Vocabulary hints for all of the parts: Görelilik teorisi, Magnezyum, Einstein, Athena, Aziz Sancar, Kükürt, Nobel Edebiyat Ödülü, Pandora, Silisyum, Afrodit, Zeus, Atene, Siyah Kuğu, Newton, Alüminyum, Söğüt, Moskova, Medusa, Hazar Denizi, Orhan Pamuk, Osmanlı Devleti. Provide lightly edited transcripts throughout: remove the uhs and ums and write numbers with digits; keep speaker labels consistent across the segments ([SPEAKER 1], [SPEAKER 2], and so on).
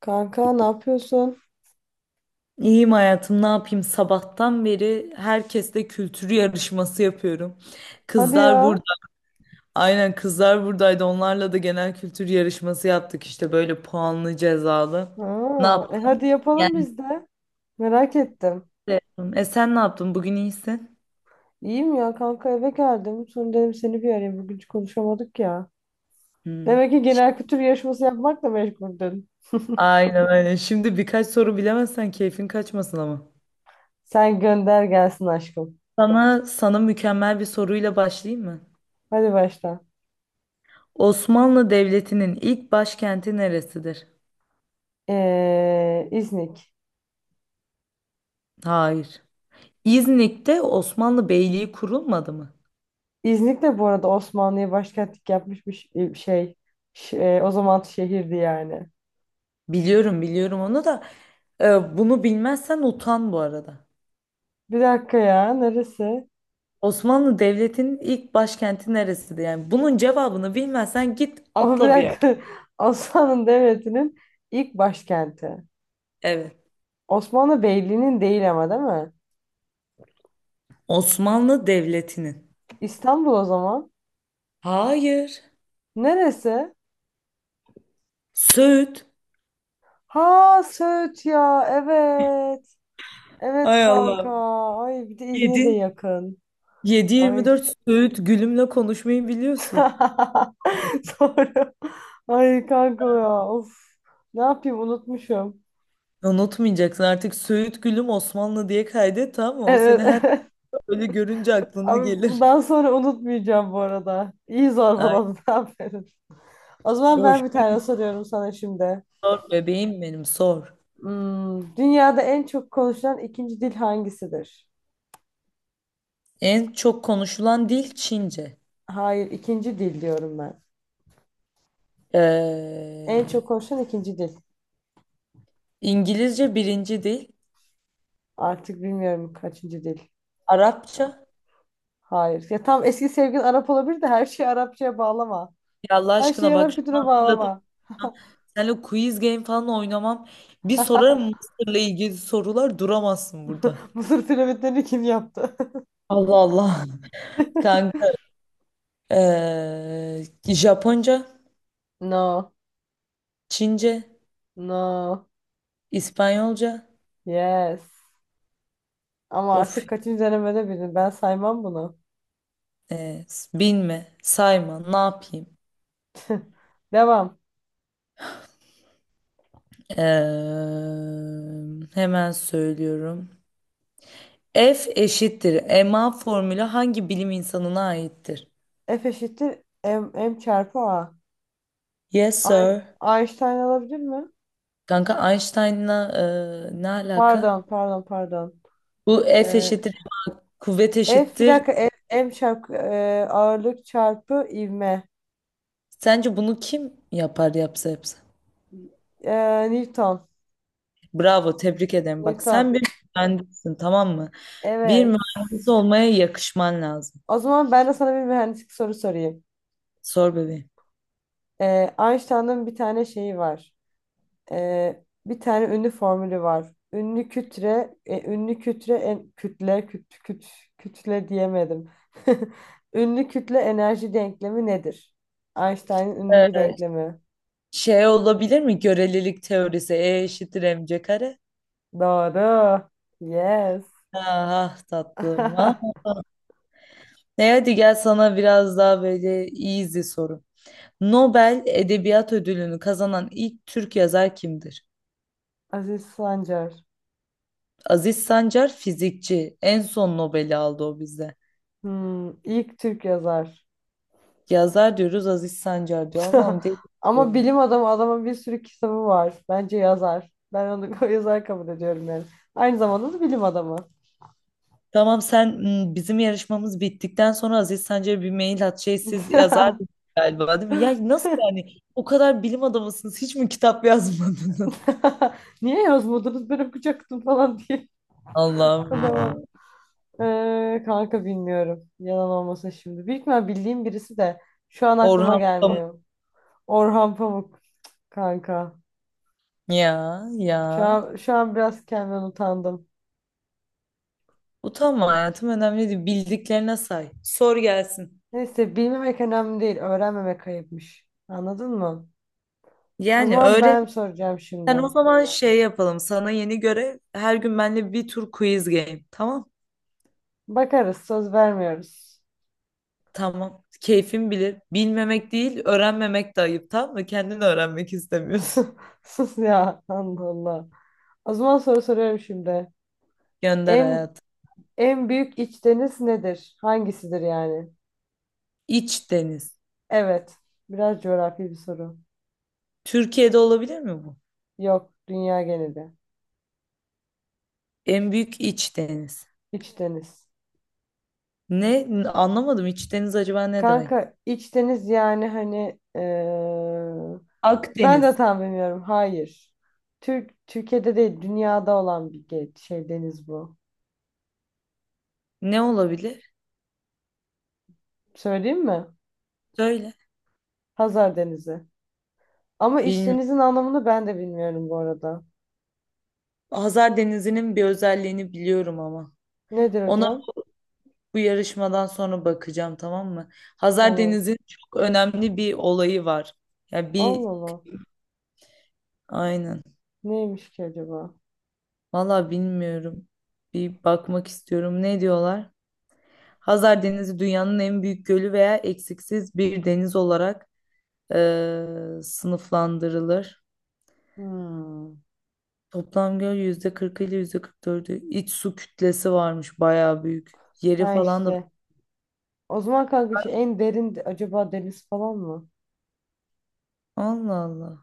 [SPEAKER 1] Kanka ne yapıyorsun?
[SPEAKER 2] İyiyim hayatım, ne yapayım? Sabahtan beri herkesle kültür yarışması yapıyorum.
[SPEAKER 1] Hadi
[SPEAKER 2] Kızlar burada,
[SPEAKER 1] ya.
[SPEAKER 2] aynen kızlar buradaydı. Onlarla da genel kültür yarışması yaptık işte böyle puanlı cezalı. Ne
[SPEAKER 1] Aa,
[SPEAKER 2] yaptın?
[SPEAKER 1] hadi yapalım
[SPEAKER 2] Yani,
[SPEAKER 1] biz de. Merak ettim.
[SPEAKER 2] sen ne yaptın? Bugün iyisin.
[SPEAKER 1] İyiyim ya kanka eve geldim. Sonra dedim seni bir arayayım. Bugün hiç konuşamadık ya.
[SPEAKER 2] Hmm.
[SPEAKER 1] Demek ki genel kültür yarışması yapmakla meşguldün.
[SPEAKER 2] Aynen aynen. Şimdi birkaç soru bilemezsen keyfin kaçmasın ama.
[SPEAKER 1] Sen gönder gelsin aşkım.
[SPEAKER 2] Sana mükemmel bir soruyla başlayayım mı?
[SPEAKER 1] Hadi başla.
[SPEAKER 2] Osmanlı Devleti'nin ilk başkenti neresidir?
[SPEAKER 1] İznik.
[SPEAKER 2] Hayır. İznik'te Osmanlı Beyliği kurulmadı mı?
[SPEAKER 1] İznik de bu arada Osmanlı'ya başkentlik yapmış bir şey. O zaman şehirdi yani.
[SPEAKER 2] Biliyorum biliyorum onu da bunu bilmezsen utan bu arada.
[SPEAKER 1] Bir dakika ya neresi?
[SPEAKER 2] Osmanlı Devleti'nin ilk başkenti neresiydi? Yani bunun cevabını bilmezsen git
[SPEAKER 1] O bir
[SPEAKER 2] atla bir yer.
[SPEAKER 1] dakika. Osmanlı Devleti'nin ilk başkenti.
[SPEAKER 2] Evet.
[SPEAKER 1] Osmanlı Beyliği'nin değil ama değil mi?
[SPEAKER 2] Osmanlı Devleti'nin.
[SPEAKER 1] İstanbul o zaman.
[SPEAKER 2] Hayır.
[SPEAKER 1] Neresi?
[SPEAKER 2] Söğüt.
[SPEAKER 1] Ha Söğüt ya evet. Evet
[SPEAKER 2] Hay
[SPEAKER 1] kanka.
[SPEAKER 2] Allah.
[SPEAKER 1] Ay bir de İzmir'e de
[SPEAKER 2] Yedi
[SPEAKER 1] yakın.
[SPEAKER 2] yedi yirmi
[SPEAKER 1] Ay.
[SPEAKER 2] dört Söğüt Gülüm'le konuşmayı biliyorsun.
[SPEAKER 1] Doğru. Ay kanka ya of. Ne yapayım unutmuşum.
[SPEAKER 2] Unutmayacaksın artık Söğüt Gülüm Osmanlı diye kaydet, tamam mı? O seni
[SPEAKER 1] Evet
[SPEAKER 2] her
[SPEAKER 1] evet.
[SPEAKER 2] böyle görünce aklına
[SPEAKER 1] Abi
[SPEAKER 2] gelir.
[SPEAKER 1] bundan sonra unutmayacağım bu arada. İyi
[SPEAKER 2] Ay,
[SPEAKER 1] zorbaladın aferin. O zaman ben bir
[SPEAKER 2] hoşuma
[SPEAKER 1] tane soruyorum sana şimdi.
[SPEAKER 2] sor bebeğim benim, sor.
[SPEAKER 1] Dünyada en çok konuşulan ikinci dil hangisidir?
[SPEAKER 2] En çok konuşulan dil Çince.
[SPEAKER 1] Hayır, ikinci dil diyorum ben. En
[SPEAKER 2] Ee,
[SPEAKER 1] çok konuşulan ikinci dil.
[SPEAKER 2] İngilizce birinci dil.
[SPEAKER 1] Artık bilmiyorum kaçıncı dil.
[SPEAKER 2] Arapça.
[SPEAKER 1] Hayır. Ya tam eski sevgilin Arap olabilir de her şeyi Arapçaya bağlama.
[SPEAKER 2] Ya Allah
[SPEAKER 1] Her şeyi
[SPEAKER 2] aşkına, bak
[SPEAKER 1] Arap
[SPEAKER 2] şunu
[SPEAKER 1] kültürüne
[SPEAKER 2] hatırlatıp
[SPEAKER 1] bağlama.
[SPEAKER 2] da seninle quiz game falan oynamam. Bir sorarım Mısır'la ilgili sorular, duramazsın burada.
[SPEAKER 1] Mısır piramitlerini kim yaptı?
[SPEAKER 2] Allah Allah. Kanka. ee, Japonca,
[SPEAKER 1] No.
[SPEAKER 2] Çince,
[SPEAKER 1] No.
[SPEAKER 2] İspanyolca.
[SPEAKER 1] Yes. Ama
[SPEAKER 2] Of.
[SPEAKER 1] artık kaçıncı denemede bildin. Ben saymam bunu.
[SPEAKER 2] ee, bilme, sayma, ne yapayım?
[SPEAKER 1] Devam.
[SPEAKER 2] Hemen söylüyorum. F eşittir MA formülü hangi bilim insanına aittir?
[SPEAKER 1] F eşittir M çarpı A.
[SPEAKER 2] Yes
[SPEAKER 1] Ay,
[SPEAKER 2] sir.
[SPEAKER 1] Einstein olabilir mi?
[SPEAKER 2] Kanka Einstein'la ne alaka?
[SPEAKER 1] Pardon, pardon, pardon.
[SPEAKER 2] Bu F
[SPEAKER 1] Ee,
[SPEAKER 2] eşittir, kuvvet
[SPEAKER 1] F bir
[SPEAKER 2] eşittir.
[SPEAKER 1] dakika F, M çarpı ağırlık çarpı ivme.
[SPEAKER 2] Sence bunu kim yapar, yapsa yapsa?
[SPEAKER 1] Newton.
[SPEAKER 2] Bravo, tebrik ederim. Bak
[SPEAKER 1] Newton.
[SPEAKER 2] sen bir mühendissin, tamam mı? Bir
[SPEAKER 1] Evet.
[SPEAKER 2] mühendis olmaya yakışman lazım.
[SPEAKER 1] O zaman ben de sana bir mühendislik soru sorayım.
[SPEAKER 2] Sor bebeğim.
[SPEAKER 1] E, Einstein'ın bir tane şeyi var. Bir tane ünlü formülü var. Ünlü kütle, e, ünlü kütle, en, kütle, küt, küt, kütle diyemedim. Ünlü kütle enerji denklemi nedir? Einstein'ın ünlü bir
[SPEAKER 2] Ee,
[SPEAKER 1] denklemi.
[SPEAKER 2] şey olabilir mi? Görelilik teorisi. E eşittir mc kare.
[SPEAKER 1] Doğru. Yes.
[SPEAKER 2] Ah ah tatlım. Ah. Ne, hadi gel sana biraz daha böyle easy soru. Nobel Edebiyat Ödülünü kazanan ilk Türk yazar kimdir?
[SPEAKER 1] Aziz Sancar.
[SPEAKER 2] Aziz Sancar fizikçi. En son Nobel'i aldı o bize.
[SPEAKER 1] Hmm, ilk Türk yazar.
[SPEAKER 2] Yazar diyoruz, Aziz Sancar diyor. Allah'ım, değil.
[SPEAKER 1] Ama bilim adamı adamın bir sürü kitabı var. Bence yazar. Ben onu yazar kabul ediyorum yani. Aynı zamanda da bilim adamı.
[SPEAKER 2] Tamam sen, bizim yarışmamız bittikten sonra Aziz Sancar'a bir mail at. Şey, siz yazar galiba, değil mi? Ya nasıl yani? O kadar bilim adamısınız. Hiç mi kitap yazmadınız?
[SPEAKER 1] Niye yazmadınız? Ben okuyacaktım falan diye.
[SPEAKER 2] Allah'ım
[SPEAKER 1] Adama.
[SPEAKER 2] ya.
[SPEAKER 1] Kanka bilmiyorum. Yalan olmasın şimdi. Büyük ihtimal bildiğim birisi de şu an aklıma
[SPEAKER 2] Orhan Pamuk.
[SPEAKER 1] gelmiyor. Orhan Pamuk kanka.
[SPEAKER 2] Ya ya.
[SPEAKER 1] Şu an biraz kendimden utandım.
[SPEAKER 2] Utanma hayatım, önemli değil. Bildiklerine say. Sor gelsin.
[SPEAKER 1] Neyse bilmemek önemli değil. Öğrenmemek ayıpmış. Anladın mı? O
[SPEAKER 2] Yani
[SPEAKER 1] zaman
[SPEAKER 2] öğren
[SPEAKER 1] ben soracağım
[SPEAKER 2] Sen
[SPEAKER 1] şimdi.
[SPEAKER 2] o zaman şey yapalım. Sana yeni göre her gün benimle bir tur quiz game. Tamam.
[SPEAKER 1] Bakarız, söz vermiyoruz.
[SPEAKER 2] Tamam. Keyfin bilir. Bilmemek değil, öğrenmemek de ayıp. Tamam mı? Kendini öğrenmek istemiyorsun.
[SPEAKER 1] Sus ya, Allah Allah. O zaman soru soruyorum şimdi.
[SPEAKER 2] Gönder
[SPEAKER 1] En
[SPEAKER 2] hayatım.
[SPEAKER 1] en büyük iç deniz nedir? Hangisidir yani?
[SPEAKER 2] İç deniz.
[SPEAKER 1] Evet, biraz coğrafi bir soru.
[SPEAKER 2] Türkiye'de olabilir mi bu?
[SPEAKER 1] Yok, dünya geneli.
[SPEAKER 2] En büyük iç deniz.
[SPEAKER 1] İç deniz.
[SPEAKER 2] Ne? Anlamadım. İç deniz acaba ne demek?
[SPEAKER 1] Kanka, iç deniz yani hani ben de
[SPEAKER 2] Akdeniz.
[SPEAKER 1] tam bilmiyorum. Hayır. Türkiye'de değil, dünyada olan bir şey deniz bu.
[SPEAKER 2] Ne olabilir?
[SPEAKER 1] Söyleyeyim mi?
[SPEAKER 2] Söyle.
[SPEAKER 1] Hazar Denizi. Ama
[SPEAKER 2] Bilmiyorum.
[SPEAKER 1] işlerinizin anlamını ben de bilmiyorum bu arada.
[SPEAKER 2] Hazar Denizi'nin bir özelliğini biliyorum ama.
[SPEAKER 1] Nedir
[SPEAKER 2] Onu
[SPEAKER 1] hocam?
[SPEAKER 2] Bu yarışmadan sonra bakacağım, tamam mı? Hazar
[SPEAKER 1] Tamam.
[SPEAKER 2] Deniz'in çok önemli bir olayı var. Ya
[SPEAKER 1] Allah
[SPEAKER 2] bir
[SPEAKER 1] Allah.
[SPEAKER 2] aynen.
[SPEAKER 1] Neymiş ki acaba?
[SPEAKER 2] Valla bilmiyorum. Bir bakmak istiyorum. Ne diyorlar? Hazar Denizi dünyanın en büyük gölü veya eksiksiz bir deniz olarak sınıflandırılır.
[SPEAKER 1] Hmm.
[SPEAKER 2] Toplam göl %40 ile %44'ü. İç su kütlesi varmış, bayağı büyük. Yeri
[SPEAKER 1] Ha
[SPEAKER 2] falan da.
[SPEAKER 1] işte. O zaman kanka şu en derin acaba deniz falan mı?
[SPEAKER 2] Allah Allah.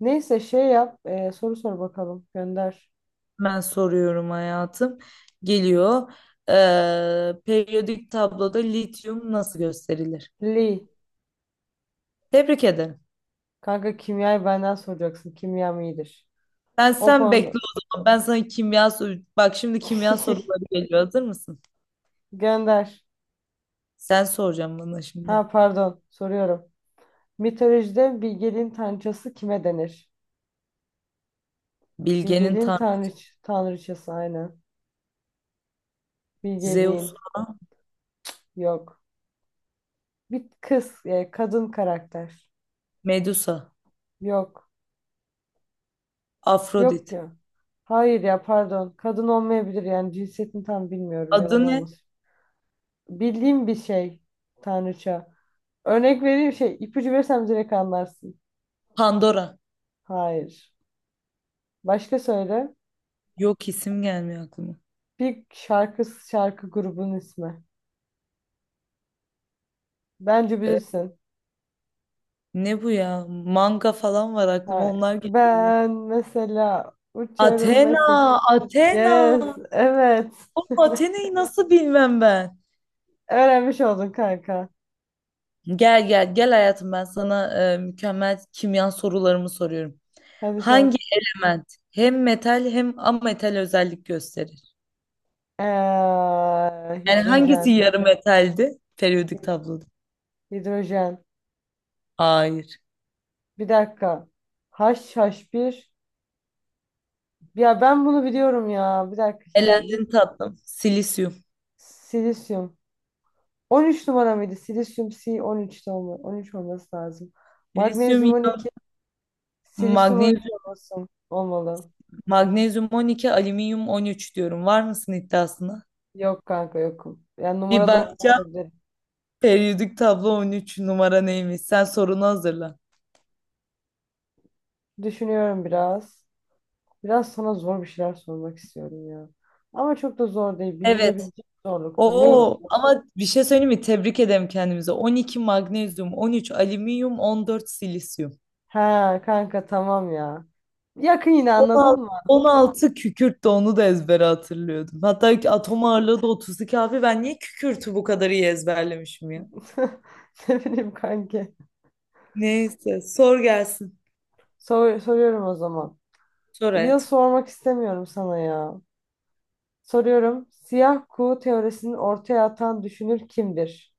[SPEAKER 1] Neyse şey yap. Soru sor bakalım. Gönder.
[SPEAKER 2] Ben soruyorum hayatım. Geliyor. Periyodik tabloda lityum nasıl gösterilir?
[SPEAKER 1] Lee.
[SPEAKER 2] Tebrik ederim.
[SPEAKER 1] Kanka kimyayı benden soracaksın. Kimyam iyidir.
[SPEAKER 2] Ben
[SPEAKER 1] O
[SPEAKER 2] sen bekle
[SPEAKER 1] konuda.
[SPEAKER 2] o zaman. Ben sana kimya sor- Bak, şimdi kimya soruları geliyor. Hazır mısın?
[SPEAKER 1] Gönder.
[SPEAKER 2] Sen soracaksın bana şimdi.
[SPEAKER 1] Ha pardon. Soruyorum. Mitolojide bilgeliğin tanrıçası kime denir?
[SPEAKER 2] Bilge'nin
[SPEAKER 1] Bilgeliğin
[SPEAKER 2] tanrı
[SPEAKER 1] tanrıçası aynen.
[SPEAKER 2] Zeus,
[SPEAKER 1] Bilgeliğin. Yok. Bir kız, kadın karakter.
[SPEAKER 2] Medusa,
[SPEAKER 1] Yok. Yok
[SPEAKER 2] Afrodit.
[SPEAKER 1] ya. Hayır ya pardon. Kadın olmayabilir yani cinsiyetini tam bilmiyorum yalan
[SPEAKER 2] Adı ne?
[SPEAKER 1] olmasın. Bildiğim bir şey tanrıça. Örnek vereyim şey ipucu versem direkt anlarsın.
[SPEAKER 2] Pandora.
[SPEAKER 1] Hayır. Başka söyle.
[SPEAKER 2] Yok, isim gelmiyor aklıma.
[SPEAKER 1] Bir şarkı grubunun ismi. Bence
[SPEAKER 2] Ee,
[SPEAKER 1] bilirsin.
[SPEAKER 2] ne bu ya? Manga falan var aklıma,
[SPEAKER 1] Hayır.
[SPEAKER 2] onlar geliyor.
[SPEAKER 1] Ben mesela uçarım
[SPEAKER 2] Athena,
[SPEAKER 1] mesela.
[SPEAKER 2] Athena.
[SPEAKER 1] Yes. Evet.
[SPEAKER 2] Atene'yi nasıl bilmem ben?
[SPEAKER 1] Öğrenmiş oldun kanka.
[SPEAKER 2] Gel gel gel hayatım, ben sana mükemmel kimya sorularımı soruyorum.
[SPEAKER 1] Hadi sor.
[SPEAKER 2] Hangi element hem metal hem ametal özellik gösterir?
[SPEAKER 1] Ee,
[SPEAKER 2] Yani
[SPEAKER 1] hidrojen.
[SPEAKER 2] hangisi yarı metaldi periyodik
[SPEAKER 1] Hid-
[SPEAKER 2] tabloda?
[SPEAKER 1] Hidrojen.
[SPEAKER 2] Hayır.
[SPEAKER 1] Bir dakika. Haş haş bir. Ya ben bunu biliyorum ya. Bir dakika. Hidro, hid-
[SPEAKER 2] Elendin tatlım. Silisyum.
[SPEAKER 1] silisyum. 13 numara mıydı? Silisyum C13'te 13'te 13 olması lazım.
[SPEAKER 2] Silisyum,
[SPEAKER 1] Magnezyum on
[SPEAKER 2] iyon,
[SPEAKER 1] iki Silisyum 13
[SPEAKER 2] magnezyum,
[SPEAKER 1] olmasın. Olmalı.
[SPEAKER 2] magnezyum 12, alüminyum 13 diyorum. Var mısın iddiasına?
[SPEAKER 1] Yok kanka yokum. Yani
[SPEAKER 2] Bir
[SPEAKER 1] numarada
[SPEAKER 2] bakacağım.
[SPEAKER 1] unutulabilirim.
[SPEAKER 2] Periyodik tablo 13 numara neymiş? Sen sorunu hazırla.
[SPEAKER 1] Düşünüyorum biraz. Biraz sana zor bir şeyler sormak istiyorum ya. Ama çok da zor değil.
[SPEAKER 2] Evet.
[SPEAKER 1] Bilinebilecek zorlukta. Neyim?
[SPEAKER 2] Oo, ama bir şey söyleyeyim mi? Tebrik ederim kendimize. 12 magnezyum, 13 alüminyum, 14 silisyum.
[SPEAKER 1] Ha kanka tamam ya. Yakın yine
[SPEAKER 2] on
[SPEAKER 1] anladın
[SPEAKER 2] altı
[SPEAKER 1] mı?
[SPEAKER 2] on altı kükürt, de onu da ezbere hatırlıyordum. Hatta ki atom ağırlığı da 32 abi. Ben niye kükürtü bu kadar iyi ezberlemişim ya?
[SPEAKER 1] Ne bileyim kanki.
[SPEAKER 2] Neyse sor gelsin.
[SPEAKER 1] Soruyorum o zaman.
[SPEAKER 2] Sor
[SPEAKER 1] Yıl
[SPEAKER 2] hayat.
[SPEAKER 1] sormak istemiyorum sana ya. Soruyorum. Siyah kuğu teorisini ortaya atan düşünür kimdir?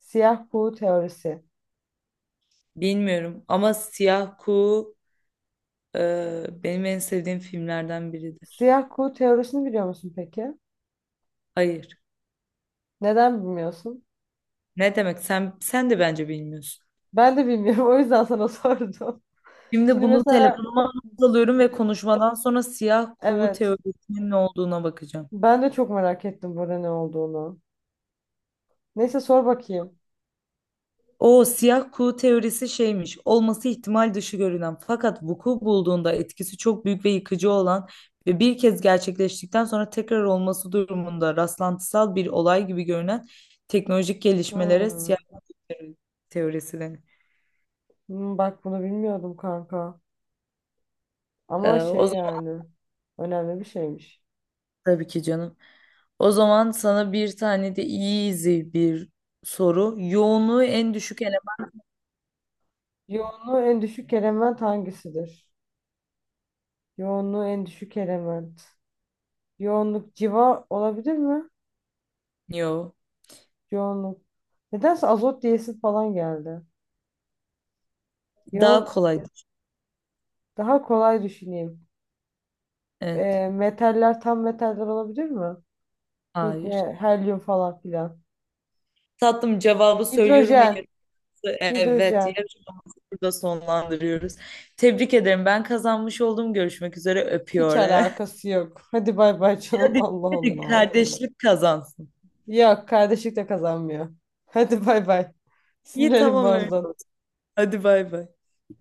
[SPEAKER 1] Siyah kuğu teorisi.
[SPEAKER 2] Bilmiyorum ama Siyah Kuğu benim en sevdiğim filmlerden biridir.
[SPEAKER 1] Siyah kuğu teorisini biliyor musun peki?
[SPEAKER 2] Hayır.
[SPEAKER 1] Neden bilmiyorsun?
[SPEAKER 2] Ne demek? Sen de bence bilmiyorsun.
[SPEAKER 1] Ben de bilmiyorum. O yüzden sana sordum.
[SPEAKER 2] Şimdi
[SPEAKER 1] Şimdi
[SPEAKER 2] bunu
[SPEAKER 1] mesela
[SPEAKER 2] telefonuma not alıyorum ve konuşmadan sonra siyah kuğu
[SPEAKER 1] evet.
[SPEAKER 2] teorisinin ne olduğuna bakacağım.
[SPEAKER 1] Ben de çok merak ettim burada ne olduğunu. Neyse sor bakayım.
[SPEAKER 2] O siyah kuğu teorisi şeymiş. Olması ihtimal dışı görünen fakat vuku bulduğunda etkisi çok büyük ve yıkıcı olan ve bir kez gerçekleştikten sonra tekrar olması durumunda rastlantısal bir olay gibi görünen teknolojik gelişmelere
[SPEAKER 1] Hmm.
[SPEAKER 2] siyah kuğu teorisi denir.
[SPEAKER 1] Bak bunu bilmiyordum kanka. Ama
[SPEAKER 2] O
[SPEAKER 1] şey
[SPEAKER 2] zaman
[SPEAKER 1] yani önemli bir şeymiş.
[SPEAKER 2] tabii ki canım. O zaman sana bir tane de easy bir soru. Yoğunluğu en düşük eleman.
[SPEAKER 1] Yoğunluğu en düşük element hangisidir? Yoğunluğu en düşük element. Yoğunluk civa olabilir mi?
[SPEAKER 2] Yo.
[SPEAKER 1] Yoğunluk. Nedense azot diyesi falan geldi.
[SPEAKER 2] Daha
[SPEAKER 1] Yoğun
[SPEAKER 2] kolay.
[SPEAKER 1] daha kolay düşüneyim.
[SPEAKER 2] Evet.
[SPEAKER 1] E, metaller tam metaller olabilir mi?
[SPEAKER 2] Hayır.
[SPEAKER 1] Helyum falan filan.
[SPEAKER 2] Tatlım cevabı söylüyorum ve
[SPEAKER 1] Hidrojen.
[SPEAKER 2] yarısı evet.
[SPEAKER 1] Hidrojen.
[SPEAKER 2] Yarışmamızı burada sonlandırıyoruz. Tebrik ederim. Ben kazanmış oldum. Görüşmek üzere.
[SPEAKER 1] Hiç
[SPEAKER 2] Öpüyor.
[SPEAKER 1] alakası yok. Hadi bay bay canım.
[SPEAKER 2] Hadi,
[SPEAKER 1] Allah
[SPEAKER 2] hadi
[SPEAKER 1] Allah.
[SPEAKER 2] kardeşlik kazansın.
[SPEAKER 1] Yok kardeşlik de kazanmıyor. Hadi bay bay.
[SPEAKER 2] İyi,
[SPEAKER 1] Sinirlerim
[SPEAKER 2] tamam öyle
[SPEAKER 1] bozdu.
[SPEAKER 2] olsun. Hadi, bay bay.